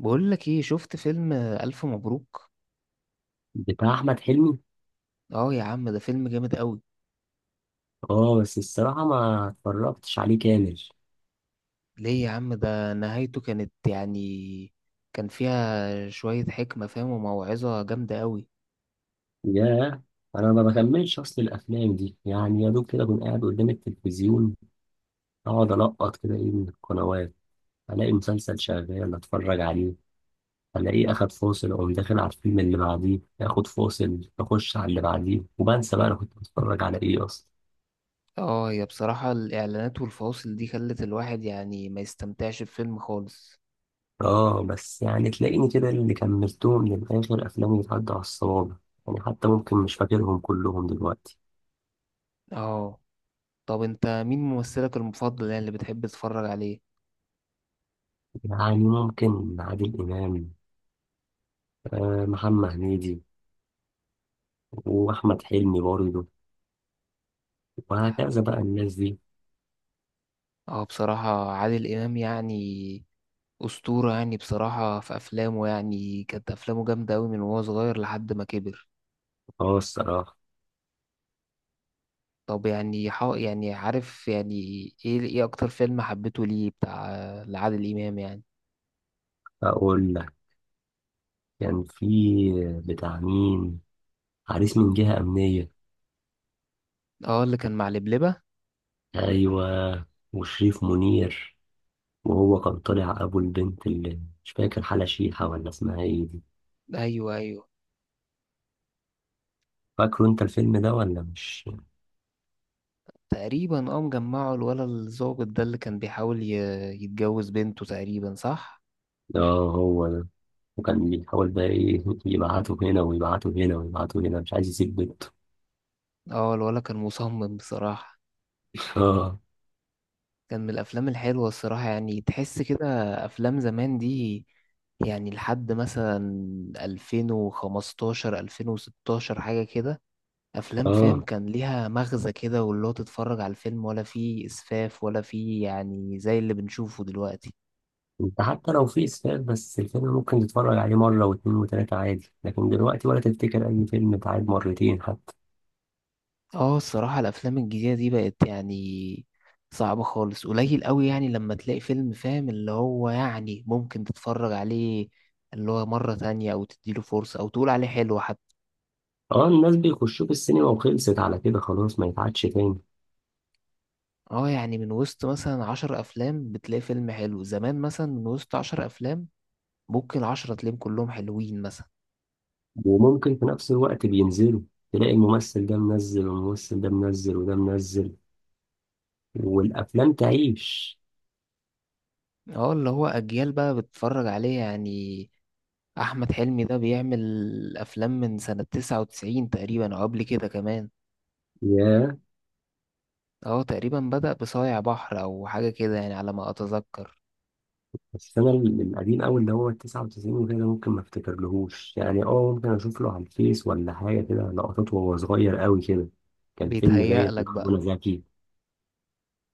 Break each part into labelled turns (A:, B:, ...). A: بقول لك ايه؟ شفت فيلم الف مبروك؟
B: بتاع احمد حلمي.
A: اه يا عم، ده فيلم جامد قوي.
B: اه بس الصراحه ما اتفرجتش عليه كامل.
A: ليه يا عم؟ ده نهايته كانت يعني، كان فيها شوية حكمة، فاهم، وموعظة جامدة قوي.
B: ياه، انا ما بكملش، اصل الافلام دي يعني يا دوب كده اكون قاعد قدام التلفزيون، اقعد القط كده ايه من القنوات، الاقي مسلسل شغال اتفرج عليه، الاقيه اخد فاصل اقوم داخل على الفيلم اللي بعديه، اخد فاصل اخش على اللي بعديه، وبنسى بقى انا كنت بتفرج على ايه اصلا.
A: اه، هي بصراحة الاعلانات والفواصل دي خلت الواحد يعني ما يستمتعش بفيلم خالص.
B: اه بس يعني تلاقيني كده اللي كملتهم للاخر افلامي بتعدي على الصوابع، يعني حتى ممكن مش فاكرهم كلهم دلوقتي.
A: اه، طب انت مين ممثلك المفضل يعني اللي بتحب تتفرج عليه؟
B: يعني ممكن عادل إمام، آه، محمد هنيدي، وأحمد حلمي برضه، وهكذا بقى الناس دي.
A: اه بصراحة عادل امام يعني أسطورة، يعني بصراحة. في أفلامه يعني كانت أفلامه جامدة أوي من وهو صغير لحد ما كبر.
B: اه الصراحة.
A: طب يعني يعني عارف يعني، ايه اكتر فيلم حبيته، ليه بتاع، لعادل امام يعني؟
B: أقول لك، كان في، بتاع مين، عريس من جهة أمنية.
A: اه، اللي كان مع لبلبة.
B: أيوة، وشريف منير، وهو كان طالع أبو البنت اللي مش فاكر حالة شيحة ولا اسمها إيه دي.
A: ايوه، ايوه.
B: فاكره أنت الفيلم ده ولا مش؟
A: تقريبا اه، مجمعه. الولا الظابط ده اللي كان بيحاول يتجوز بنته تقريبا، صح؟
B: اه هو ده، وكان بيحاول بقى إيه يبعته هنا ويبعته هنا ويبعته هنا مش عايز يسيب بنته.
A: اه، الولا كان مصمم بصراحة.
B: اه.
A: كان من الافلام الحلوة الصراحة يعني، تحس كده افلام زمان دي، يعني لحد مثلا 2015 2016 حاجة كده، افلام فاهم
B: اه
A: كان ليها مغزى كده، واللي هو تتفرج على الفيلم ولا فيه اسفاف، ولا فيه يعني زي اللي بنشوفه دلوقتي.
B: انت حتى لو في اسفاف بس الفيلم ممكن تتفرج عليه مرة واتنين وتلاتة عادي، لكن دلوقتي ولا تفتكر اي فيلم اتعاد مرتين حتى.
A: اه الصراحة، الافلام الجديدة دي بقت يعني صعبة خالص. قليل قوي يعني لما تلاقي فيلم فاهم، اللي هو يعني ممكن تتفرج عليه اللي هو مرة تانية، او تديله فرصة، او تقول عليه حلو حتى.
B: اه الناس بيخشوا في السينما وخلصت على كده خلاص ما يتعادش تاني.
A: اه، يعني من وسط مثلا عشر افلام بتلاقي فيلم حلو. زمان مثلا من وسط عشر افلام، ممكن عشرة تلاقيهم كلهم حلوين مثلا.
B: وممكن في نفس الوقت بينزلوا، تلاقي الممثل ده منزل والممثل ده منزل وده منزل، والافلام تعيش.
A: اه اللي هو اجيال بقى بتتفرج عليه يعني. احمد حلمي ده بيعمل افلام من سنة 99 تقريبا، او قبل كده كمان.
B: ياه.
A: اه، تقريبا بدأ بصايع بحر او حاجة كده يعني، على ما اتذكر.
B: بس انا القديم اوي اللي هو التسعة وتسعين وكده ده ممكن ما افتكرلهوش، يعني اه ممكن اشوف له على الفيس ولا حاجة كده لقطات وهو صغير اوي كده. كان فيلم
A: بيتهيأ
B: باين
A: لك
B: مع
A: بقى.
B: منى زكي.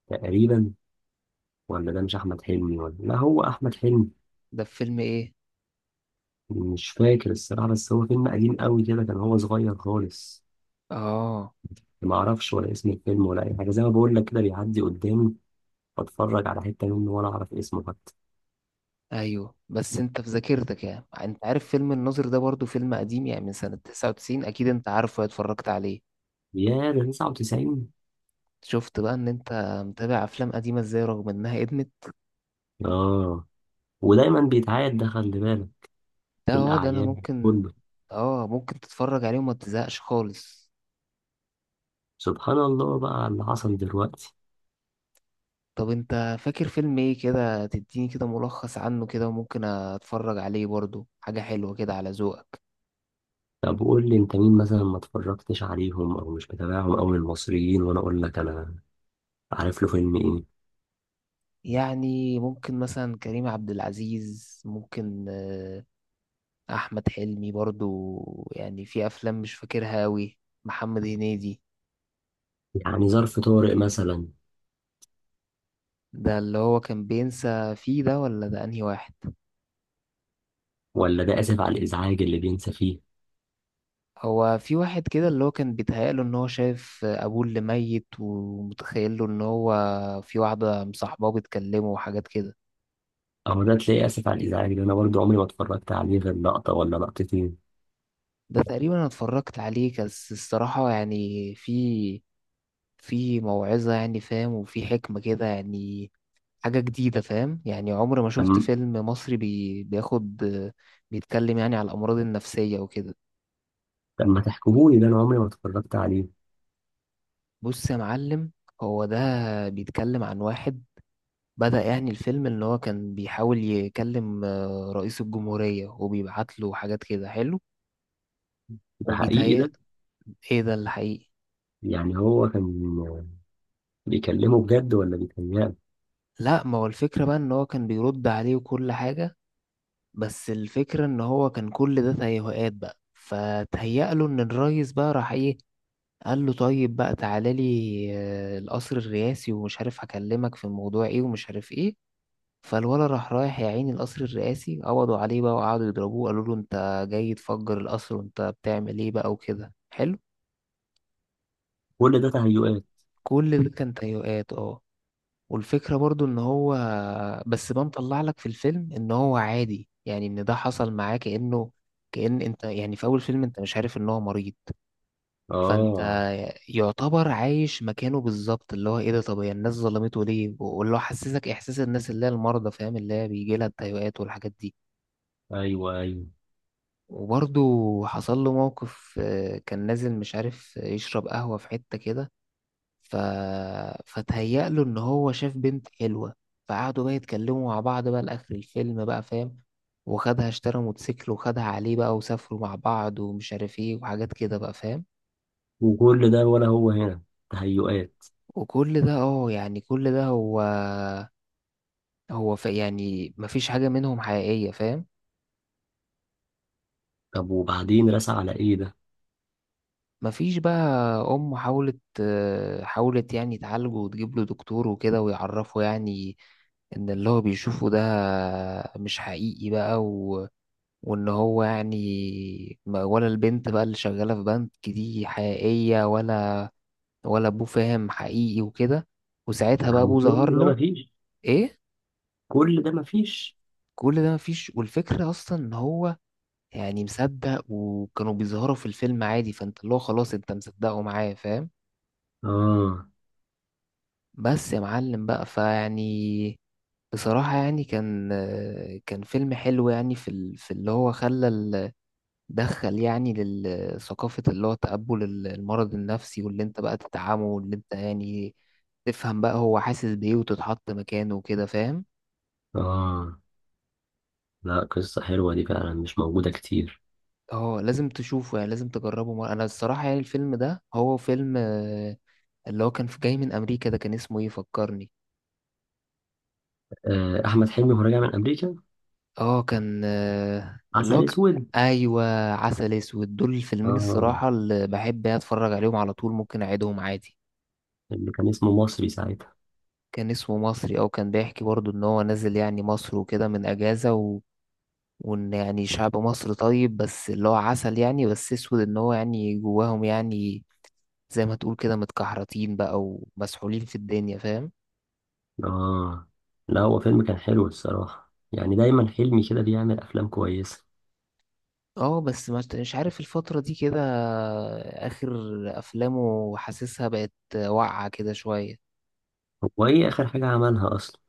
B: تقريبا. ولا ده مش احمد حلمي، ولا لا هو احمد حلمي.
A: ده في فيلم ايه؟
B: مش فاكر الصراحه، بس هو فيلم قديم قوي كده كان هو صغير خالص.
A: اه،
B: ما اعرفش ولا اسم الفيلم ولا اي حاجه، زي ما بقول لك كده بيعدي قدامي، بتفرج على حته منه ولا اعرف اسمه حتى.
A: ايوه، بس انت في ذاكرتك يعني، انت عارف فيلم الناظر ده برضو، فيلم قديم يعني من سنة 99 اكيد. انت عارفه، اتفرجت عليه.
B: يا ده 99؟
A: شفت بقى ان انت متابع افلام قديمة ازاي، رغم انها ادمت.
B: اه، ودايما بيتعاد ده خلي بالك،
A: ده
B: في
A: اه ده، انا
B: الاعياد
A: ممكن.
B: كله.
A: اه، ممكن تتفرج عليه وما تزهقش خالص.
B: سبحان الله بقى على اللي حصل دلوقتي.
A: طب انت فاكر فيلم ايه كده؟ تديني كده ملخص عنه كده، وممكن اتفرج عليه برضو، حاجة حلوة كده على ذوقك.
B: طب قول لي انت مين مثلا ما اتفرجتش عليهم او مش متابعهم او من المصريين، وانا اقول لك انا عارف له فيلم ايه.
A: يعني ممكن مثلا كريم عبد العزيز، ممكن، احمد حلمي برضو. يعني في افلام مش فاكرها اوي. محمد هنيدي.
B: يعني ظرف طارئ مثلا.
A: ده اللي هو كان بينسى فيه، ده ولا ده انهي واحد؟
B: ولا ده آسف على الإزعاج اللي بينسى فيه.
A: هو في واحد كده اللي هو كان بيتهيأله ان هو شايف ابوه اللي ميت، ومتخيله ان هو في واحدة مصاحباه بتكلمه، وحاجات كده.
B: أو ده تلاقي آسف على الإزعاج ده أنا برضه عمري ما اتفرجت عليه غير لقطة ولا لقطتين.
A: ده تقريبا انا اتفرجت عليه، بس الصراحة يعني في في موعظة يعني، فاهم، وفي حكمة كده يعني، حاجة جديدة، فاهم، يعني عمري ما
B: طب.
A: شفت فيلم مصري بياخد بيتكلم يعني على الأمراض النفسية وكده.
B: طب ما تحكموني ده أنا عمري ما اتفرجت عليه.
A: بص يا معلم، هو ده بيتكلم عن واحد بدأ يعني الفيلم إن هو كان بيحاول يكلم رئيس الجمهورية، وبيبعت له حاجات كده حلو.
B: ده حقيقي
A: وبيتهيأ
B: ده؟
A: إيه ده الحقيقي.
B: يعني هو كان بيكلمه بجد ولا بيتهيأله؟
A: لا، ما هو الفكرة بقى إن هو كان بيرد عليه وكل حاجة، بس الفكرة ان هو كان كل ده تهيؤات بقى. فتهيأ له ان الريس بقى راح ايه، قال له طيب بقى تعالى لي القصر الرئاسي، ومش عارف هكلمك في الموضوع ايه، ومش عارف ايه. فالولا راح رايح يا عيني القصر الرئاسي، قبضوا عليه بقى، وقعدوا يضربوه، قالوا له انت جاي تفجر القصر، وانت بتعمل ايه بقى، وكده حلو.
B: كل ده تهيؤات.
A: كل ده كان تهيؤات، اه. والفكرة برضو ان هو، بس بنطلع لك في الفيلم، ان هو عادي يعني، ان ده حصل معاه كأنه، كأن انت يعني في اول فيلم انت مش عارف ان هو مريض. فانت
B: آه
A: يعتبر عايش مكانه بالظبط، اللي هو ايه ده، طب هي الناس ظلمته ليه؟ واللي هو حسسك احساس الناس اللي هي المرضى، فاهم، اللي هي بيجي لها التهيؤات والحاجات دي.
B: أيوه أيوه.
A: وبرضو حصل له موقف كان نازل مش عارف يشرب قهوة في حتة كده، ف... فتهيأ له ان هو شاف بنت حلوة. فقعدوا بقى يتكلموا مع بعض بقى لاخر الفيلم بقى، فاهم، وخدها اشترى موتوسيكل وخدها عليه بقى، وسافروا مع بعض، ومش عارف ايه، وحاجات كده بقى، فاهم.
B: وكل ده ولا هو هنا تهيؤات؟
A: وكل ده اه يعني، كل ده هو هو يعني مفيش حاجة منهم حقيقية، فاهم.
B: طب وبعدين رسى على إيه ده؟
A: مفيش بقى. أم حاولت حاولت يعني تعالجه، وتجيب له دكتور وكده، ويعرفه يعني إن اللي هو بيشوفه ده مش حقيقي بقى، وان هو يعني ولا البنت بقى اللي شغالة في بنك دي حقيقية، ولا ابوه، فاهم، حقيقي وكده. وساعتها بقى
B: يعني
A: ابوه
B: كل
A: ظهر
B: ده
A: له.
B: مفيش.
A: ايه،
B: كل ده مفيش.
A: كل ده مفيش؟ والفكرة اصلا ان هو يعني مصدق، وكانوا بيظهروا في الفيلم عادي، فانت اللي هو خلاص انت مصدقه معاه، فاهم.
B: آه
A: بس يا معلم بقى، فيعني بصراحة يعني، كان فيلم حلو، يعني في في اللي هو خلى دخل يعني للثقافة، اللي هو تقبل المرض النفسي، واللي انت بقى تدعمه، واللي انت يعني تفهم بقى هو حاسس بإيه، وتتحط مكانه وكده، فاهم.
B: آه، لا قصة حلوة دي فعلا مش موجودة كتير.
A: اه، لازم تشوفه يعني، لازم تجربه مرة. انا الصراحة يعني الفيلم ده هو فيلم اللي هو كان في جاي من امريكا ده، كان اسمه ايه؟ فكرني.
B: آه، أحمد حلمي وهو راجع من أمريكا.
A: اه كان اللي هو
B: عسل أسود.
A: ايوه، عسل اسود. دول الفيلمين
B: آه،
A: الصراحة اللي بحب يعني اتفرج عليهم على طول، ممكن اعيدهم عادي.
B: اللي كان اسمه مصري ساعتها.
A: كان اسمه مصري، او كان بيحكي برضو ان هو نازل يعني مصر وكده من اجازة، وان يعني شعب مصر طيب، بس اللي هو عسل يعني، بس اسود ان هو يعني جواهم يعني، زي ما تقول كده متكحرتين بقى ومسحولين في الدنيا، فاهم.
B: آه. لا هو فيلم كان حلو الصراحة، يعني دايما حلمي كده بيعمل أفلام كويسة.
A: اه بس مش عارف الفترة دي كده، اخر افلامه حاسسها بقت واقعة كده شوية.
B: هو إيه آخر حاجة عملها أصلا؟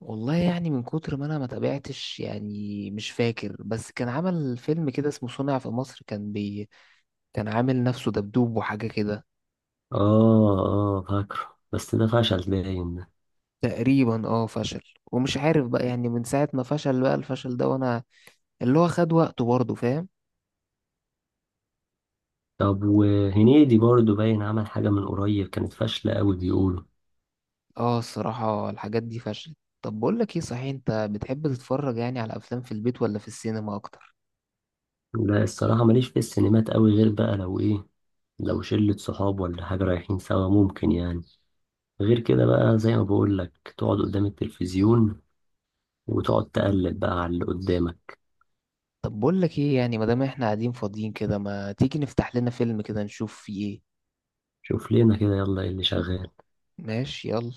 A: والله يعني من كتر ما انا ما تابعتش يعني مش فاكر، بس كان عمل فيلم كده اسمه صنع في مصر، كان كان عامل نفسه دبدوب وحاجة كده.
B: آه آه فاكره، بس ده فشل باين ده.
A: تقريبا اه فشل. ومش عارف بقى يعني من ساعة ما فشل بقى الفشل ده، وانا اللي هو خد وقته برضه، فاهم.
B: طب وهنيدي برضه باين عمل حاجة من قريب كانت فاشلة أوي بيقولوا.
A: اه الصراحة الحاجات دي فشلت. طب بقول لك ايه، صحيح انت بتحب تتفرج يعني على افلام في البيت ولا في السينما اكتر؟
B: لا الصراحة ماليش في السينمات أوي غير بقى لو إيه، لو شلة صحاب ولا حاجة رايحين سوا ممكن، يعني غير كده بقى زي ما بقول لك تقعد قدام التلفزيون، وتقعد تقلب بقى على اللي قدامك.
A: طب بقول لك ايه، يعني ما دام احنا قاعدين فاضيين كده، ما تيجي نفتح لنا فيلم كده نشوف فيه ايه؟
B: شوف لنا كده يلا ايه اللي شغال.
A: ماشي، يلا.